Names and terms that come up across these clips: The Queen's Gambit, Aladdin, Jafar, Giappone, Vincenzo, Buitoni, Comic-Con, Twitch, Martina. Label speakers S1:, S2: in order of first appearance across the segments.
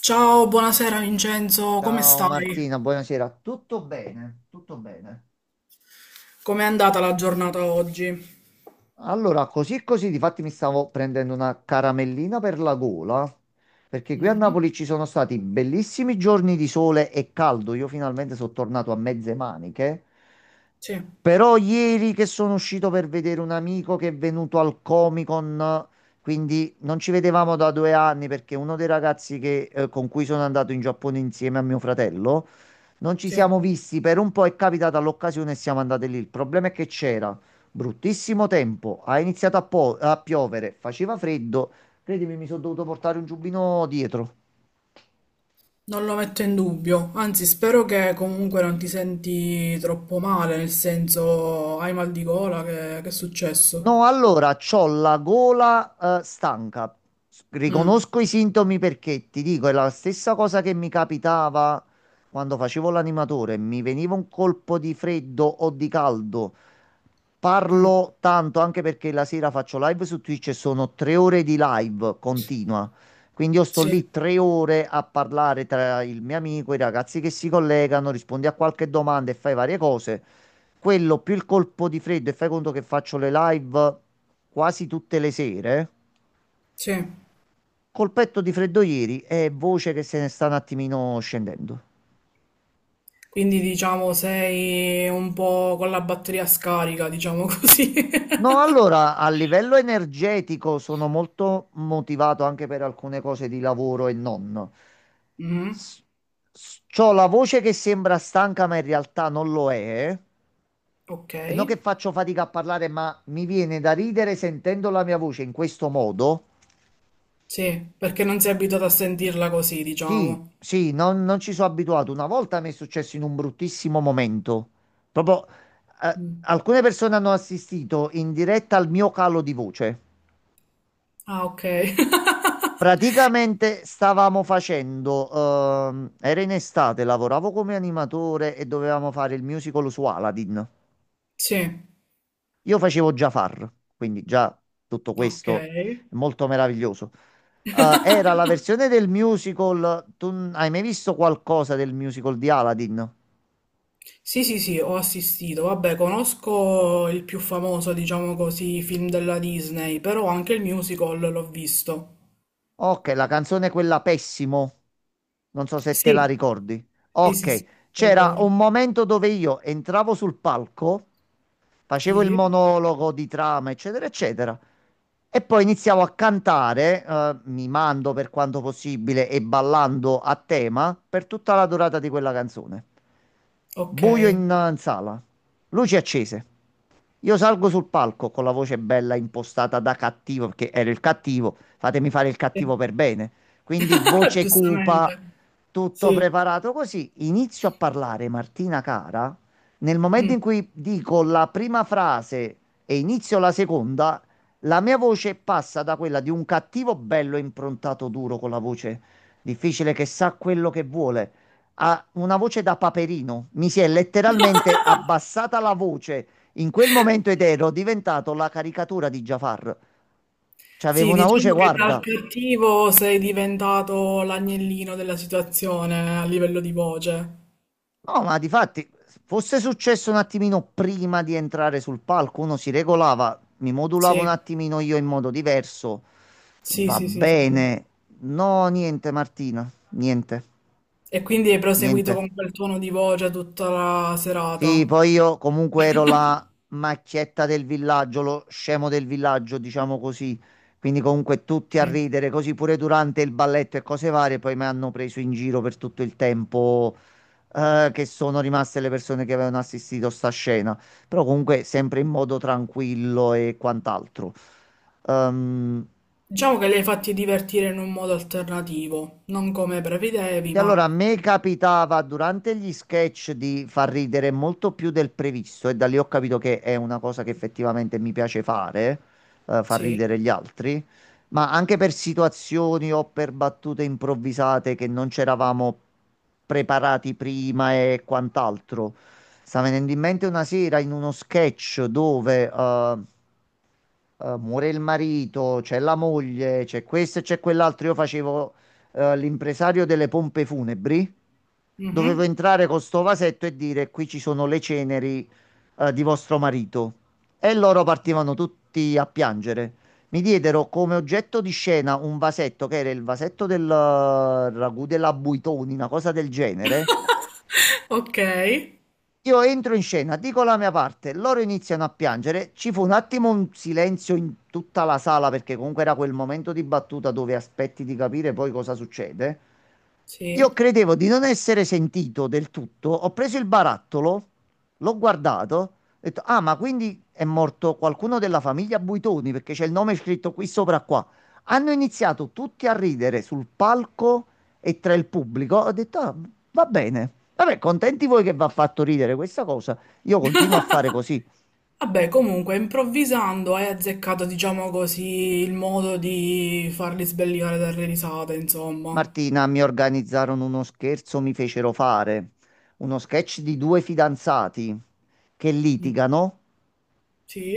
S1: Ciao, buonasera Vincenzo, come
S2: Ciao
S1: stai?
S2: Martina, buonasera. Tutto bene? Tutto bene.
S1: Com'è andata la giornata oggi?
S2: Allora, così e così, difatti mi stavo prendendo una caramellina per la gola, perché qui a Napoli ci sono stati bellissimi giorni di sole e caldo. Io finalmente sono tornato a mezze maniche.
S1: Sì,
S2: Però ieri che sono uscito per vedere un amico che è venuto al Comic-Con, quindi non ci vedevamo da 2 anni perché uno dei ragazzi che, con cui sono andato in Giappone insieme a mio fratello. Non ci
S1: sì,
S2: siamo visti per un po', è capitata l'occasione e siamo andati lì. Il problema è che c'era bruttissimo tempo, ha iniziato a piovere, faceva freddo. Credimi, mi sono dovuto portare un giubbino dietro.
S1: non lo metto in dubbio, anzi spero che comunque non ti senti troppo male, nel senso hai mal di gola, che è successo?
S2: No, allora, c'ho la gola, stanca.
S1: Mm,
S2: Riconosco i sintomi perché ti dico, è la stessa cosa che mi capitava quando facevo l'animatore. Mi veniva un colpo di freddo o di caldo.
S1: mm,
S2: Parlo tanto anche perché la sera faccio live su Twitch e sono 3 ore di live continua. Quindi io sto
S1: sì,
S2: lì 3 ore a parlare tra il mio amico, i ragazzi che si collegano, rispondi a qualche domanda e fai varie cose. Quello più il colpo di freddo e fai conto che faccio le live quasi tutte le sere.
S1: sì.
S2: Colpetto di freddo ieri e voce che se ne sta un attimino scendendo.
S1: Quindi diciamo sei un po' con la batteria scarica, diciamo così.
S2: No, allora a livello energetico sono molto motivato anche per alcune cose di lavoro e non.
S1: Mm,
S2: S- C'ho la voce che sembra stanca, ma in realtà non lo è.
S1: ok,
S2: E non che faccio fatica a parlare, ma mi viene da ridere sentendo la mia voce in questo modo.
S1: sì, perché non sei abituato a sentirla così,
S2: Sì,
S1: diciamo.
S2: sì, non ci sono abituato. Una volta mi è successo in un bruttissimo momento. Proprio,
S1: Mm.
S2: alcune persone hanno assistito in diretta al mio calo di voce.
S1: Ah, ok.
S2: Praticamente stavamo facendo, era in estate, lavoravo come animatore e dovevamo fare il musical su Aladdin.
S1: Sì,
S2: Io facevo Jafar, quindi già tutto
S1: ok.
S2: questo è molto meraviglioso. Era la versione del musical, tu hai mai visto qualcosa del musical di Aladdin?
S1: Sì, sì, sì, ho assistito. Vabbè, conosco il più famoso, diciamo così, film della Disney, però anche il musical l'ho visto.
S2: Ok, la canzone quella Pessimo. Non so se te la
S1: Sì,
S2: ricordi.
S1: sì, sì,
S2: Ok,
S1: sì, lo
S2: c'era
S1: ricordo.
S2: un momento dove io entravo sul palco, facevo il
S1: Sì,
S2: monologo di trama, eccetera, eccetera, e poi iniziavo a cantare, mimando per quanto possibile e ballando a tema per tutta la durata di quella canzone.
S1: ok.
S2: Buio in sala, luci accese. Io salgo sul palco con la voce bella impostata da cattivo, perché ero il cattivo, fatemi fare il
S1: Sì.
S2: cattivo per bene. Quindi voce cupa,
S1: Giustamente.
S2: tutto
S1: Sì.
S2: preparato così. Inizio a parlare, Martina cara. Nel momento
S1: Mm.
S2: in cui dico la prima frase e inizio la seconda, la mia voce passa da quella di un cattivo bello improntato duro con la voce difficile che sa quello che vuole a una voce da paperino. Mi si è letteralmente abbassata la voce in quel momento ed ero diventato la caricatura di Jafar. C'avevo
S1: Sì,
S2: una voce,
S1: diciamo che dal
S2: guarda.
S1: cattivo sei diventato l'agnellino della situazione a livello di voce.
S2: No, ma di fatti, fosse successo un attimino prima di entrare sul palco, uno si regolava, mi modulavo un
S1: Sì,
S2: attimino io in modo diverso.
S1: sì,
S2: Va
S1: sì, sì, sì, sì.
S2: bene. No, niente, Martina. Niente,
S1: E quindi hai proseguito
S2: niente.
S1: con quel tono di voce tutta la
S2: Sì,
S1: serata.
S2: poi io comunque ero la macchietta del villaggio, lo scemo del villaggio, diciamo così. Quindi comunque tutti a
S1: Sì.
S2: ridere, così pure durante il balletto e cose varie, poi mi hanno preso in giro per tutto il tempo, che sono rimaste le persone che avevano assistito a sta scena. Però comunque sempre in modo tranquillo e quant'altro. Ehm,
S1: Diciamo che li hai fatti divertire in un modo alternativo, non come prevedevi,
S2: Sì, allora
S1: ma
S2: a me capitava durante gli sketch di far ridere molto più del previsto e da lì ho capito che è una cosa che effettivamente mi piace fare, far
S1: sì.
S2: ridere gli altri, ma anche per situazioni o per battute improvvisate che non c'eravamo preparati prima e quant'altro. Sta venendo in mente una sera in uno sketch dove muore il marito, c'è la moglie, c'è questo e c'è quell'altro, io facevo l'impresario delle pompe funebri. Dovevo
S1: Mhm.
S2: entrare con sto vasetto e dire: qui ci sono le ceneri di vostro marito. E loro partivano tutti a piangere. Mi diedero come oggetto di scena un vasetto che era il vasetto del ragù della Buitoni, una cosa del genere.
S1: Ok,
S2: Io entro in scena, dico la mia parte, loro iniziano a piangere. Ci fu un attimo un silenzio in tutta la sala perché comunque era quel momento di battuta dove aspetti di capire poi cosa succede.
S1: sì.
S2: Io credevo di non essere sentito del tutto. Ho preso il barattolo, l'ho guardato, ho detto: "Ah, ma quindi è morto qualcuno della famiglia Buitoni perché c'è il nome scritto qui sopra qua". Hanno iniziato tutti a ridere sul palco e tra il pubblico. Ho detto: "Ah, va bene. Vabbè, contenti voi che vi ha fatto ridere questa cosa. Io continuo a fare così".
S1: Vabbè, comunque, improvvisando hai azzeccato, diciamo così, il modo di farli sbellicare dalle risate, insomma.
S2: Martina, mi organizzarono uno scherzo, mi fecero fare uno sketch di due fidanzati che
S1: Mm.
S2: litigano.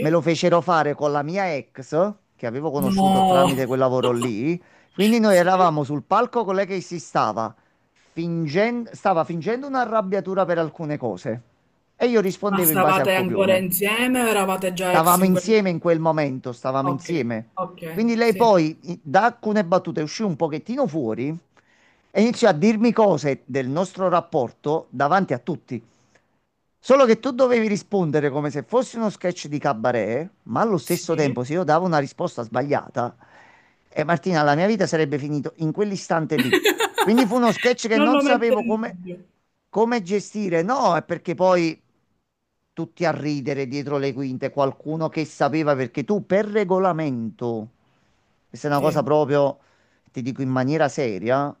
S2: Me lo fecero fare con la mia ex, che avevo conosciuto
S1: No!
S2: tramite quel lavoro lì. Quindi noi
S1: Sì.
S2: eravamo sul palco con lei che si stava stava fingendo un'arrabbiatura per alcune cose. E io
S1: Ma
S2: rispondevo in base al
S1: stavate ancora
S2: copione.
S1: insieme o eravate già ex
S2: Stavamo
S1: in quel?
S2: insieme in quel momento, stavamo
S1: Okay,
S2: insieme.
S1: okay,
S2: Quindi lei
S1: sì,
S2: poi da alcune battute uscì un pochettino fuori e iniziò a dirmi cose del nostro rapporto davanti a tutti. Solo che tu dovevi rispondere come se fosse uno sketch di cabaret, ma allo stesso
S1: sì.
S2: tempo se io davo una risposta sbagliata, e Martina, la mia vita sarebbe finita in quell'istante lì. Quindi fu uno sketch che
S1: Non
S2: non
S1: lo metto
S2: sapevo
S1: in
S2: come,
S1: dubbio.
S2: come gestire. No, è perché poi tutti a ridere dietro le quinte, qualcuno che sapeva perché tu per regolamento, questa è una
S1: Sì,
S2: cosa proprio, ti dico in maniera seria,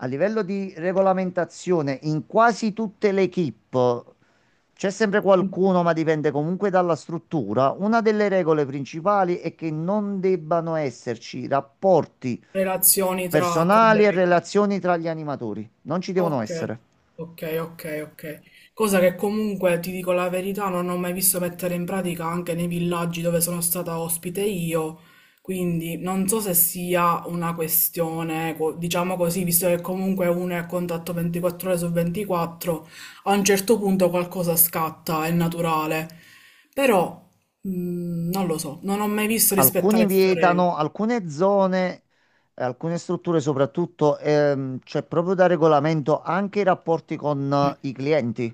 S2: a livello di regolamentazione in quasi tutte le equip c'è sempre
S1: mh,
S2: qualcuno, ma dipende comunque dalla struttura. Una delle regole principali è che non debbano esserci rapporti
S1: relazioni tra
S2: personali e
S1: colleghi.
S2: relazioni tra gli animatori, non ci devono
S1: Ok,
S2: essere.
S1: ok, ok, ok. Cosa che comunque ti dico la verità, non ho mai visto mettere in pratica anche nei villaggi dove sono stata ospite io, quindi non so se sia una questione, diciamo così, visto che comunque uno è a contatto 24 ore su 24, a un certo punto qualcosa scatta, è naturale. Però non lo so, non ho mai visto rispettare
S2: Alcuni
S1: queste regole.
S2: vietano, alcune zone, alcune strutture soprattutto, c'è proprio da regolamento anche i rapporti con i clienti.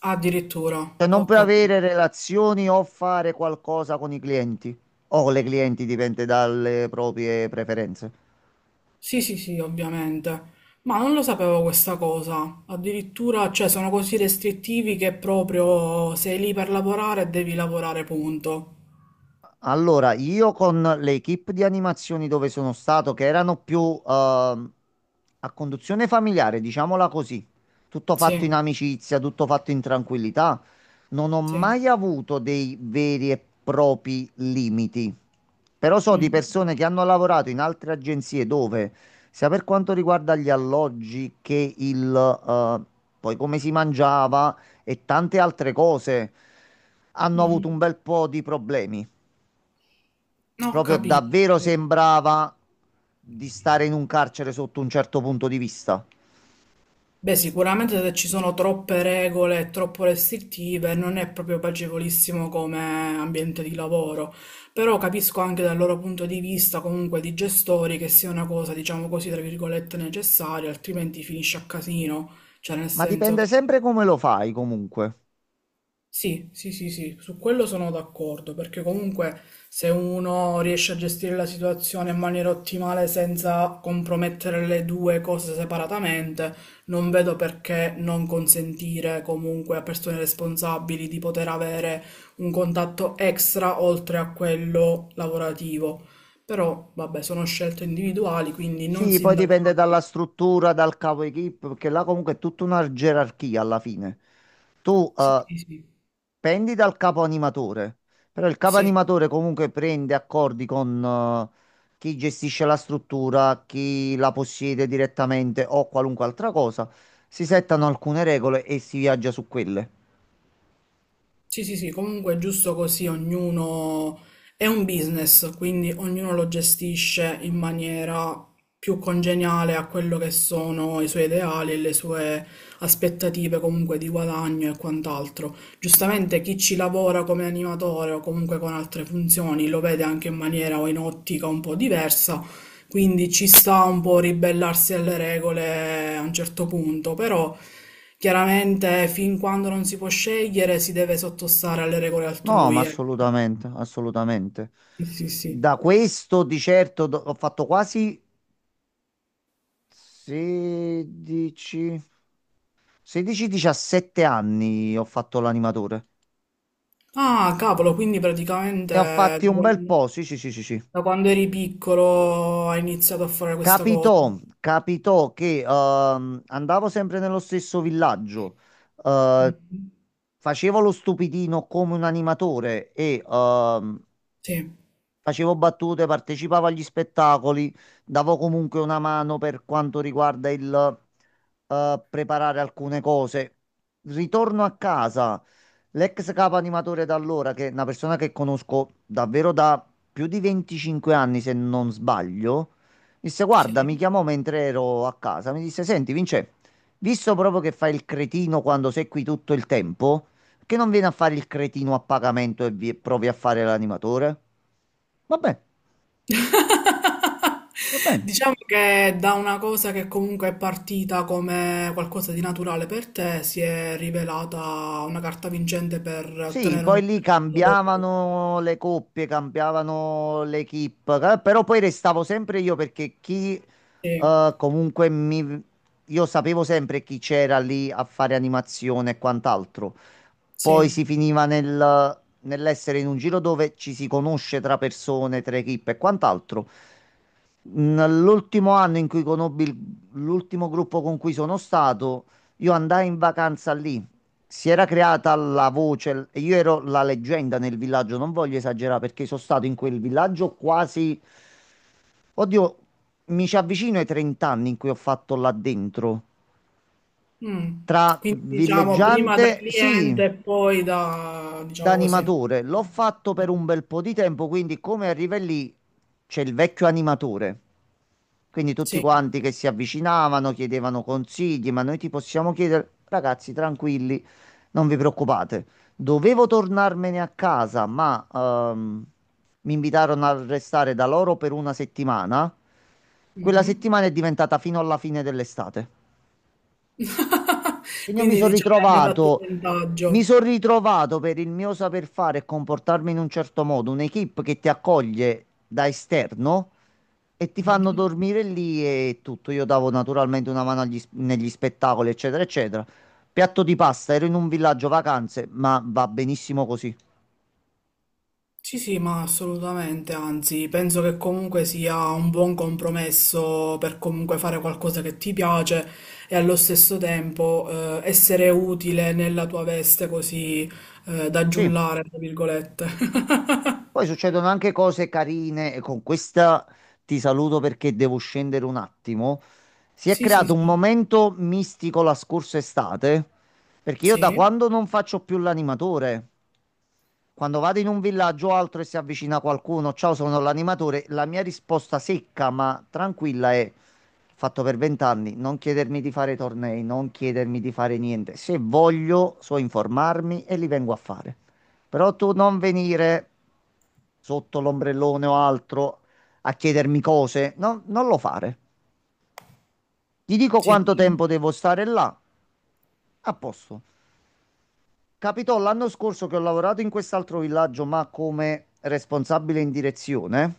S1: Addirittura,
S2: Cioè non
S1: ho
S2: puoi
S1: capito.
S2: avere relazioni o fare qualcosa con i clienti o con le clienti, dipende dalle proprie preferenze.
S1: Sì, sì, sì, ovviamente. Ma non lo sapevo questa cosa. Addirittura, cioè, sono così restrittivi che proprio sei lì per lavorare, devi lavorare, punto.
S2: Allora, io con le equip di animazioni dove sono stato, che erano più ehm, a conduzione familiare, diciamola così, tutto
S1: Sì,
S2: fatto in amicizia, tutto fatto in tranquillità, non ho
S1: sì.
S2: mai avuto dei veri e propri limiti. Però so di
S1: Mm.
S2: persone che hanno lavorato in altre agenzie dove, sia per quanto riguarda gli alloggi che il, poi come si mangiava e tante altre cose, hanno avuto
S1: Mhm.
S2: un bel po' di problemi.
S1: No, ho
S2: Proprio
S1: capito.
S2: davvero sembrava di stare in un carcere sotto un certo punto di vista.
S1: Beh, sicuramente se ci sono troppe regole e troppo restrittive non è proprio piacevolissimo come ambiente di lavoro, però capisco anche dal loro punto di vista comunque di gestori che sia una cosa, diciamo così, tra virgolette necessaria, altrimenti finisce a casino, cioè nel
S2: Ma
S1: senso
S2: dipende
S1: che
S2: sempre come lo fai, comunque.
S1: sì, sì, sì, sì, su quello sono d'accordo, perché comunque se uno riesce a gestire la situazione in maniera ottimale senza compromettere le due cose separatamente, non vedo perché non consentire comunque a persone responsabili di poter avere un contatto extra oltre a quello lavorativo. Però, vabbè, sono scelte individuali, quindi non
S2: Sì, poi dipende
S1: sindachiamo.
S2: dalla struttura, dal capo equip, perché là comunque è tutta una gerarchia alla fine. Tu
S1: Sì, sì, sì.
S2: pendi dal capo animatore, però il capo
S1: Sì.
S2: animatore comunque prende accordi con chi gestisce la struttura, chi la possiede direttamente o qualunque altra cosa. Si settano alcune regole e si viaggia su quelle.
S1: Sì, sì, sì, comunque è giusto così, ognuno è un business, quindi ognuno lo gestisce in maniera più congeniale a quello che sono i suoi ideali e le sue aspettative comunque di guadagno e quant'altro. Giustamente chi ci lavora come animatore o comunque con altre funzioni lo vede anche in maniera o in ottica un po' diversa, quindi ci sta un po' ribellarsi alle regole a un certo punto, però chiaramente fin quando non si può scegliere si deve sottostare alle regole
S2: No, ma
S1: altrui. Eh.
S2: assolutamente, assolutamente.
S1: Sì, sì, sì.
S2: Da questo di certo ho fatto quasi 16, 16-17 anni ho fatto l'animatore.
S1: Ah, cavolo, quindi praticamente
S2: Ne ho fatti un bel po', sì, sì, sì, sì, sì.
S1: da quando eri piccolo hai iniziato a fare questa cosa.
S2: Capitò che andavo sempre nello stesso villaggio, eh,
S1: Mhm.
S2: facevo lo stupidino come un animatore e
S1: Sì,
S2: facevo battute, partecipavo agli spettacoli, davo comunque una mano per quanto riguarda il preparare alcune cose. Ritorno a casa, l'ex capo animatore da allora, che è una persona che conosco davvero da più di 25 anni, se non sbaglio, disse: "Guarda",
S1: sì.
S2: mi chiamò mentre ero a casa. Mi disse: "Senti, Vince, visto proprio che fai il cretino quando sei qui tutto il tempo, perché non vieni a fare il cretino a pagamento e provi a fare l'animatore?". Va bene, va bene.
S1: Diciamo che da una cosa che comunque è partita come qualcosa di naturale per te, si è rivelata una carta vincente per
S2: Sì,
S1: ottenere
S2: poi
S1: un
S2: lì
S1: lavoro.
S2: cambiavano le coppie, cambiavano le equip, però poi restavo sempre io perché chi
S1: Sì,
S2: comunque mi... Io sapevo sempre chi c'era lì a fare animazione e quant'altro. Poi
S1: sì.
S2: si finiva nel, nell'essere in un giro dove ci si conosce tra persone, tra equip e quant'altro. Nell'ultimo anno in cui conobbi l'ultimo gruppo con cui sono stato, io andai in vacanza lì. Si era creata la voce, e io ero la leggenda nel villaggio, non voglio esagerare perché sono stato in quel villaggio quasi, oddio, mi ci avvicino ai 30 anni in cui ho fatto là dentro.
S1: Mm.
S2: Tra
S1: Quindi diciamo prima da
S2: villeggiante, sì,
S1: cliente e poi da,
S2: da
S1: diciamo così,
S2: animatore, l'ho
S1: animatore.
S2: fatto per un bel po' di tempo, quindi come arriva lì c'è il vecchio animatore. Quindi tutti
S1: Sì.
S2: quanti che si avvicinavano chiedevano consigli, ma noi ti possiamo chiedere, ragazzi, tranquilli, non vi preoccupate. Dovevo tornarmene a casa, ma mi invitarono a restare da loro per una settimana. Quella
S1: Mhm.
S2: settimana è diventata fino alla fine dell'estate. Quindi io
S1: Quindi diciamo è andata a tuo
S2: mi
S1: vantaggio.
S2: sono ritrovato per il mio saper fare e comportarmi in un certo modo, un'equipe che ti accoglie da esterno e ti fanno
S1: Mhm.
S2: dormire lì e tutto. Io davo naturalmente una mano agli negli spettacoli, eccetera, eccetera. Piatto di pasta, ero in un villaggio vacanze, ma va benissimo così.
S1: Sì, sì, ma assolutamente, anzi, penso che comunque sia un buon compromesso per comunque fare qualcosa che ti piace e allo stesso tempo essere utile nella tua veste così da
S2: Sì.
S1: giullare, tra virgolette.
S2: Poi succedono anche cose carine e con questa ti saluto perché devo scendere un attimo. Si è
S1: Sì, sì,
S2: creato un
S1: sì,
S2: momento mistico la scorsa estate perché io da
S1: sì,
S2: quando non faccio più l'animatore. Quando vado in un villaggio o altro e si avvicina qualcuno, ciao, sono l'animatore, la mia risposta secca ma tranquilla è: fatto per 20 anni, non chiedermi di fare tornei, non chiedermi di fare niente. Se voglio, so informarmi e li vengo a fare. Però tu non venire sotto l'ombrellone o altro a chiedermi cose, no, non lo fare. Ti dico
S1: sì,
S2: quanto tempo devo stare là, a posto. Capitò l'anno scorso che ho lavorato in quest'altro villaggio, ma come responsabile in direzione.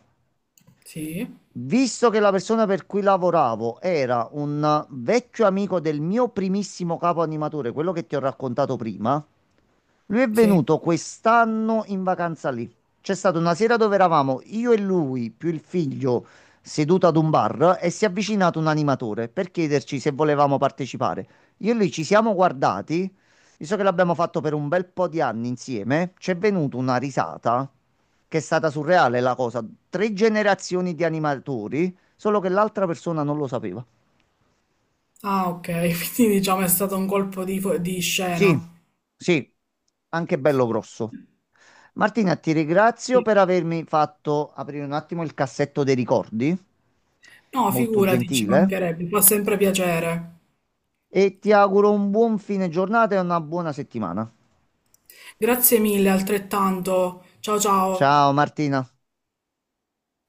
S1: sì,
S2: Visto che la persona per cui lavoravo era un vecchio amico del mio primissimo capo animatore, quello che ti ho raccontato prima, lui è
S1: sì.
S2: venuto quest'anno in vacanza lì. C'è stata una sera dove eravamo io e lui, più il figlio, seduto ad un bar e si è avvicinato un animatore per chiederci se volevamo partecipare. Io e lui ci siamo guardati, visto che l'abbiamo fatto per un bel po' di anni insieme, c'è venuta una risata che è stata surreale la cosa. Tre generazioni di animatori, solo che l'altra persona non lo sapeva.
S1: Ah, ok, quindi diciamo è stato un colpo di, di
S2: Sì,
S1: scena.
S2: sì, anche bello grosso. Martina, ti ringrazio
S1: Sì.
S2: per avermi fatto aprire un attimo il cassetto dei ricordi,
S1: No,
S2: molto
S1: figurati, ci
S2: gentile,
S1: mancherebbe, fa sempre piacere.
S2: e ti auguro un buon fine giornata e una buona settimana.
S1: Grazie mille, altrettanto. Ciao ciao.
S2: Ciao Martina.